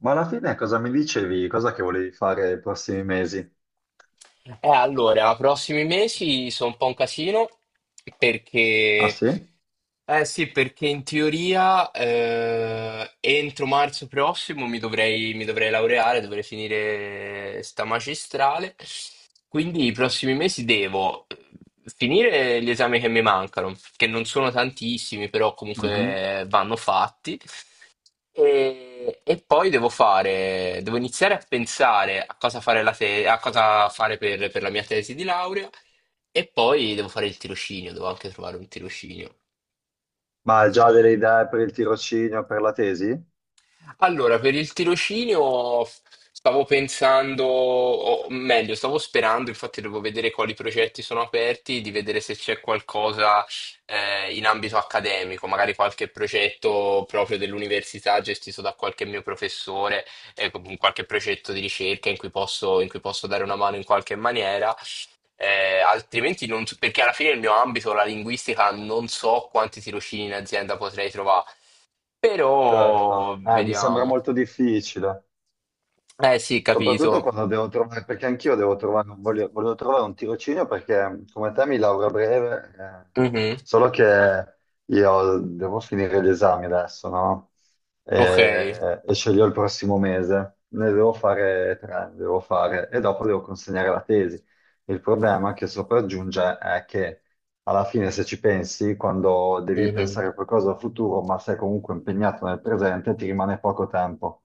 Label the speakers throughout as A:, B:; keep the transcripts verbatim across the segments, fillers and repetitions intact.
A: Ma alla fine cosa mi dicevi? Cosa che volevi fare i prossimi mesi?
B: Eh, allora, prossimi mesi sono un po' un casino
A: Ah
B: perché,
A: sì?
B: eh sì, perché in teoria eh, entro marzo prossimo mi dovrei, mi dovrei laureare, dovrei finire sta magistrale, quindi i prossimi mesi devo eh, finire gli esami che mi mancano, che non sono tantissimi, però
A: Mhm.
B: comunque vanno fatti. E, e poi devo fare, devo iniziare a pensare a cosa fare, la te- a cosa fare per, per la mia tesi di laurea e poi devo fare il tirocinio, devo anche trovare un tirocinio.
A: Ma hai già delle idee per il tirocinio, per la tesi?
B: Allora, per il tirocinio stavo pensando, o meglio, stavo sperando, infatti devo vedere quali progetti sono aperti, di vedere se c'è qualcosa eh, in ambito accademico, magari qualche progetto proprio dell'università gestito da qualche mio professore, eh, con qualche progetto di ricerca in cui posso, in cui posso dare una mano in qualche maniera. Eh, altrimenti non so- perché alla fine nel mio ambito, la linguistica, non so quanti tirocini in azienda potrei trovare,
A: Certo.
B: però
A: Eh, mi sembra
B: vediamo.
A: molto difficile.
B: Eh sì,
A: Soprattutto
B: capito.
A: quando devo trovare, perché anch'io devo trovare, un- voglio, volevo trovare un tirocinio perché come te mi lauro a breve, eh,
B: Mhm.
A: solo che io devo finire gli esami adesso, no?
B: Ok.
A: E, e sceglierò il prossimo mese, ne devo fare tre, ne devo fare, e dopo devo consegnare la tesi. Il problema che sopraggiunge è che alla fine se ci pensi, quando devi
B: Mhm.
A: pensare a qualcosa al futuro, ma sei comunque impegnato nel presente, ti rimane poco tempo.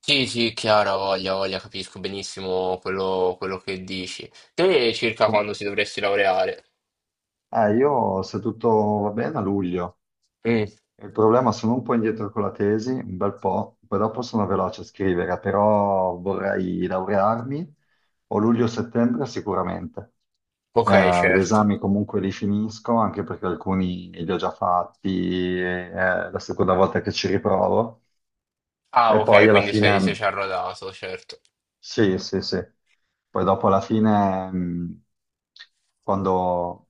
B: Sì, sì, chiaro, voglia, voglia, capisco benissimo quello, quello che dici. Te circa
A: Com-
B: quando si dovresti laureare?
A: Eh, io, se tutto va bene, a luglio.
B: Mm.
A: Il problema, sono un po' indietro con la tesi, un bel po', poi dopo sono veloce a scrivere, però vorrei laurearmi o luglio-settembre sicuramente.
B: Ok,
A: Eh, gli
B: certo.
A: esami comunque li finisco, anche perché alcuni li ho già fatti, eh, è la seconda volta che ci riprovo.
B: Ah,
A: E poi
B: ok,
A: alla
B: quindi
A: fine.
B: sei, sei già rodato, certo.
A: Sì, sì, sì. Poi dopo alla fine, mh, quando,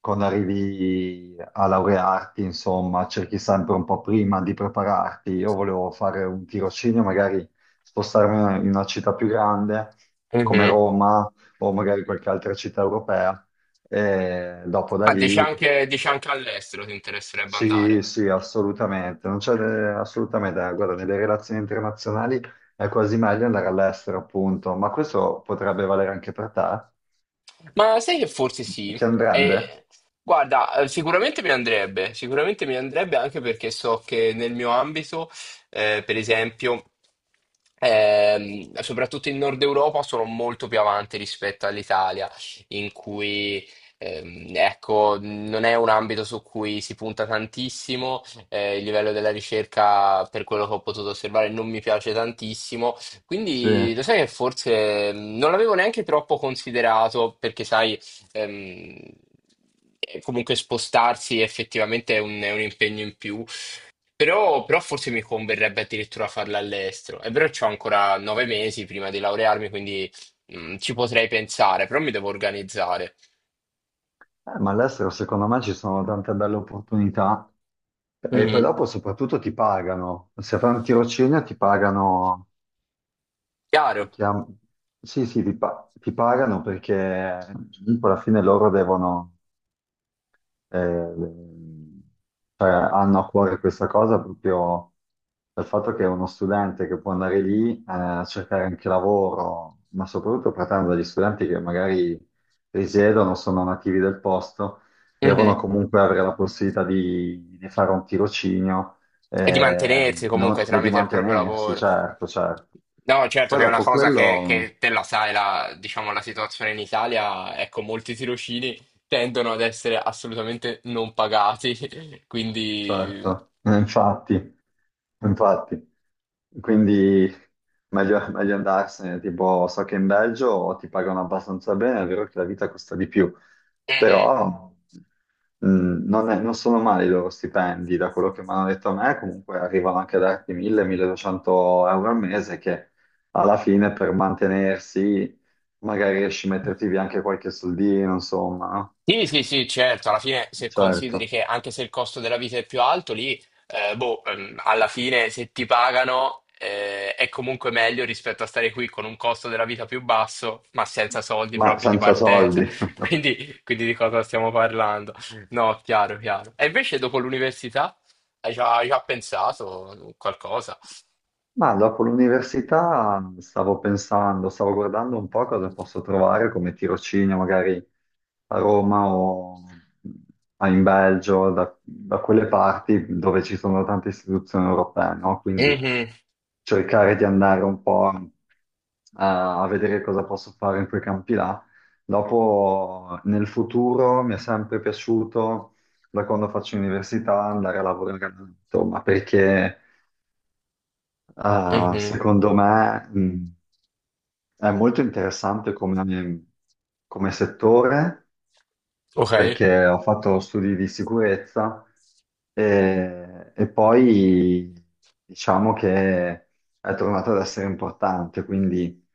A: quando arrivi a laurearti, insomma, cerchi sempre un po' prima di prepararti. Io volevo fare un tirocinio, magari spostarmi in una città più grande come
B: Mhm.
A: Roma o magari qualche altra città europea. E dopo da
B: Ah, dici
A: lì
B: anche, dici anche all'estero ti interesserebbe
A: sì,
B: andare?
A: sì, assolutamente, non c'è eh, assolutamente, eh, guarda, nelle relazioni internazionali è quasi meglio andare all'estero, appunto, ma questo potrebbe valere anche per te?
B: Ma sai che forse sì?
A: Ti andrebbe?
B: Eh, guarda, eh, sicuramente mi andrebbe, sicuramente mi andrebbe anche perché so che nel mio ambito, eh, per esempio, ehm, soprattutto in Nord Europa sono molto più avanti rispetto all'Italia, in cui, ehm, ecco, non è un ambito su cui si punta tantissimo, eh, il livello della ricerca, per quello che ho potuto osservare, non mi piace tantissimo,
A: Sì,
B: quindi lo sai che forse mm, non l'avevo neanche troppo considerato perché sai, ehm, eh, comunque spostarsi effettivamente è un, è un impegno in più, però, però forse mi converrebbe addirittura farla all'estero. È vero che ho ancora nove mesi prima di laurearmi, quindi mm, ci potrei pensare, però mi devo organizzare.
A: Eh, ma all'estero secondo me ci sono tante belle opportunità e poi
B: Mhm.
A: dopo soprattutto ti pagano, se fai un tirocinio ti pagano, ti
B: Chiaro?
A: chiam- sì, sì, ti, pa- ti pagano perché comunque alla fine loro devono... Eh, ehm, cioè, hanno a cuore questa cosa proprio dal fatto che è uno studente che può andare lì eh, a cercare anche lavoro, ma soprattutto partendo dagli studenti che magari risiedono, sono nativi del posto, devono
B: Mhm.
A: comunque avere la possibilità di, di fare un tirocinio
B: E di
A: eh,
B: mantenersi comunque
A: non- e di
B: tramite il proprio
A: mantenersi,
B: lavoro.
A: certo, certo.
B: No, certo
A: Poi
B: che è una
A: dopo
B: cosa che,
A: quello.
B: che te la sai, la, diciamo, la situazione in Italia, ecco, molti tirocini tendono ad essere assolutamente non pagati, quindi...
A: Certo, Eh, infatti, infatti. Quindi meglio, meglio andarsene, tipo so che in Belgio ti pagano abbastanza bene, è vero che la vita costa di più,
B: Mhm.
A: però mh, non, è- non sono male i loro stipendi, da quello che mi hanno detto a me, comunque arrivano anche a darti mille-milleduecento euro al mese che alla fine per mantenersi magari riesci a metterti via anche qualche soldino, insomma, no?
B: Sì, sì, sì, certo, alla fine se consideri
A: Certo,
B: che anche se il costo della vita è più alto, lì, eh, boh, ehm, alla fine se ti pagano, eh, è comunque meglio rispetto a stare qui con un costo della vita più basso, ma senza soldi
A: ma
B: proprio di
A: senza
B: partenza.
A: soldi.
B: Quindi, quindi di cosa stiamo parlando? No, chiaro, chiaro. E invece dopo l'università hai già, hai già pensato qualcosa?
A: Ma dopo l'università stavo pensando, stavo guardando un po' cosa posso trovare come tirocinio, magari a Roma o a- in Belgio, da, da quelle parti dove ci sono tante istituzioni europee, no? Quindi
B: Mhm,
A: cercare di andare un po' a, a vedere cosa posso fare in quei campi là. Dopo, nel futuro, mi è sempre piaciuto, da quando faccio università, andare a lavorare all'estero, ma perché... Ah,
B: mhm.
A: secondo me, mh, è molto interessante come, come settore,
B: Ok.
A: perché ho fatto studi di sicurezza e, e poi diciamo che è tornato ad essere importante, quindi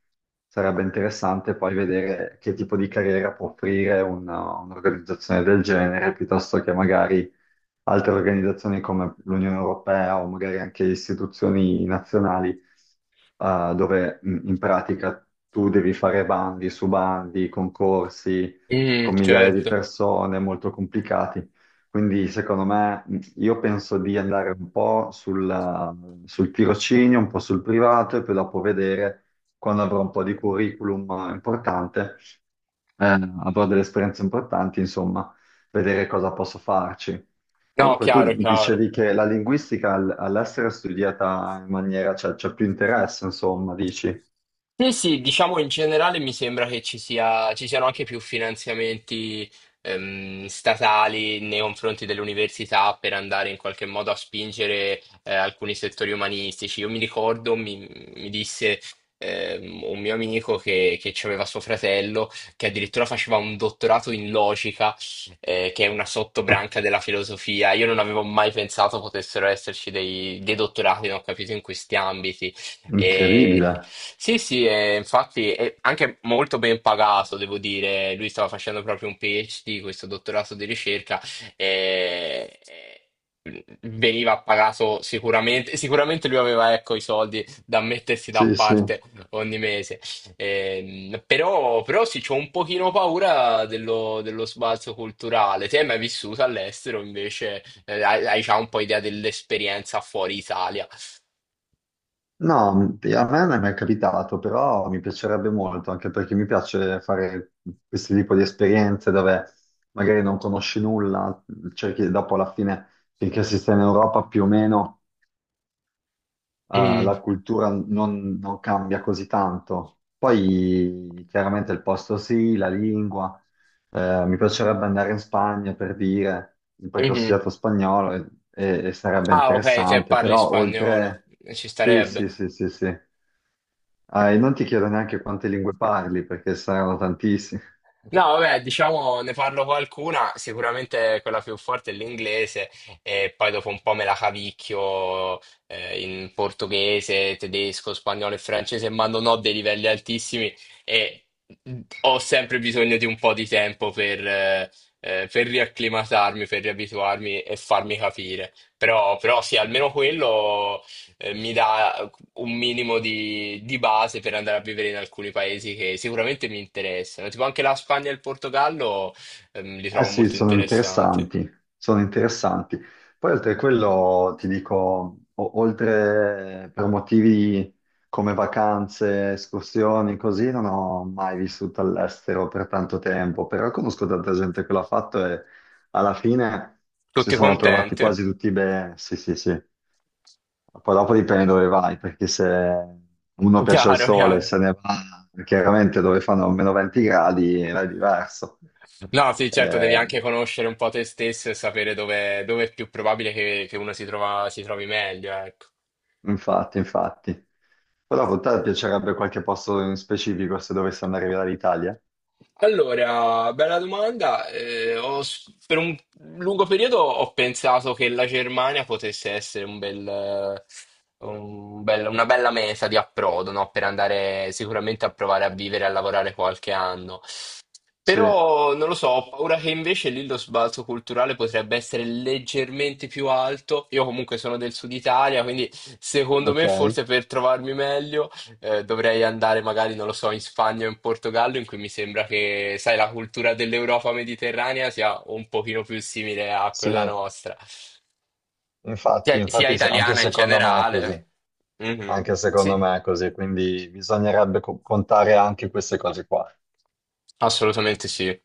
A: sarebbe interessante poi vedere che tipo di carriera può offrire una- un'organizzazione del genere, piuttosto che magari altre organizzazioni come l'Unione Europea o magari anche istituzioni nazionali, eh, dove mh, in pratica tu devi fare bandi su bandi, concorsi con
B: Mhm,
A: migliaia di
B: certo.
A: persone, molto complicati. Quindi, secondo me, mh, io penso di andare un po' sulla- sul tirocinio, un po' sul privato e poi dopo vedere, quando avrò un po' di curriculum importante, eh, avrò delle esperienze importanti, insomma, vedere cosa posso farci.
B: No,
A: Comunque, tu
B: chiaro,
A: mi
B: chiaro.
A: dicevi che la linguistica all- all'estero è studiata in maniera, cioè c'è più interesse, insomma, dici.
B: Sì, sì, diciamo in generale mi sembra che ci sia, ci siano anche più finanziamenti ehm, statali nei confronti delle università per andare in qualche modo a spingere eh, alcuni settori umanistici. Io mi ricordo, mi, mi disse ehm, un mio amico che, che aveva suo fratello, che addirittura faceva un dottorato in logica, eh, che è una sottobranca della filosofia. Io non avevo mai pensato potessero esserci dei, dei dottorati, non ho capito, in questi ambiti. E-
A: Incredibile.
B: Sì, sì, e infatti è anche molto ben pagato, devo dire. Lui stava facendo proprio un P H D, questo dottorato di ricerca, e e veniva pagato sicuramente. Sicuramente lui aveva, ecco, i soldi da mettersi da
A: Sì, sì.
B: parte ogni mese. Ehm, però, però sì, c'ho un pochino paura dello, dello sbalzo culturale. Te hai mai vissuto all'estero, invece? Eh, hai, hai già un po' idea dell'esperienza fuori Italia.
A: No, m- a me non è mai capitato, però mi piacerebbe molto, anche perché mi piace fare questo tipo di esperienze dove magari non conosci nulla, cerchi dopo alla fine, finché si sta in Europa più o meno, eh,
B: Mm,
A: la cultura non, non cambia così tanto. Poi chiaramente il posto sì, la lingua. Eh, mi piacerebbe andare in Spagna per dire, perché ho
B: mhm.
A: studiato spagnolo e, e- e sarebbe
B: Ah, ok, te
A: interessante,
B: parli
A: però oltre...
B: spagnolo, ci
A: Sì,
B: starebbe.
A: sì, sì, sì, sì. Ah, e non ti chiedo neanche quante lingue parli, perché saranno tantissime.
B: No, vabbè, diciamo, ne parlo qualcuna, sicuramente quella più forte è l'inglese e poi dopo un po' me la cavicchio eh, in portoghese, tedesco, spagnolo e francese, ma non ho dei livelli altissimi e ho sempre bisogno di un po' di tempo per, eh, eh, per riacclimatarmi, per riabituarmi e farmi capire. Però, però sì, almeno quello eh, mi dà un minimo di, di base per andare a vivere in alcuni paesi che sicuramente mi interessano. Tipo anche la Spagna e il Portogallo, ehm, li
A: Eh
B: trovo
A: sì,
B: molto
A: sono
B: interessanti.
A: interessanti, sono interessanti. Poi oltre a quello ti dico, o- oltre per motivi come vacanze, escursioni, così, non ho mai vissuto all'estero per tanto tempo, però conosco tanta gente che l'ha fatto e alla fine si
B: Tutti
A: sono trovati
B: contenti?
A: quasi tutti bene. Sì, sì, sì. Poi dopo dipende dove vai, perché se uno piace al
B: Chiaro,
A: sole,
B: chiaro.
A: se ne va, chiaramente dove fanno meno venti gradi là è diverso.
B: No, sì, certo, devi
A: Eh,
B: anche conoscere un po' te stesso e sapere dove, dove è più probabile che, che uno si trova, si trovi meglio, ecco.
A: Infatti, infatti. Però a te piacerebbe qualche posto in specifico se dovessi andare via dall'Italia?
B: Allora, bella domanda. Eh, ho s- per un lungo periodo ho pensato che la Germania potesse essere un bel, eh, un bel- una bella meta di approdo, no? Per andare sicuramente a provare a vivere e a lavorare qualche anno.
A: Sì,
B: Però non lo so, ho paura che invece lì lo sbalzo culturale potrebbe essere leggermente più alto. Io comunque sono del sud Italia, quindi secondo me
A: ok.
B: forse per trovarmi meglio eh, dovrei andare magari, non lo so, in Spagna o in Portogallo, in cui mi sembra che, sai, la cultura dell'Europa mediterranea sia un pochino più simile a
A: Sì,
B: quella nostra,
A: infatti,
B: cioè sia
A: infatti se- anche
B: italiana in
A: secondo me è
B: generale.
A: così.
B: Mhm.
A: Anche
B: Sì,
A: secondo me è così, quindi bisognerebbe co- contare anche queste cose qua.
B: assolutamente sì.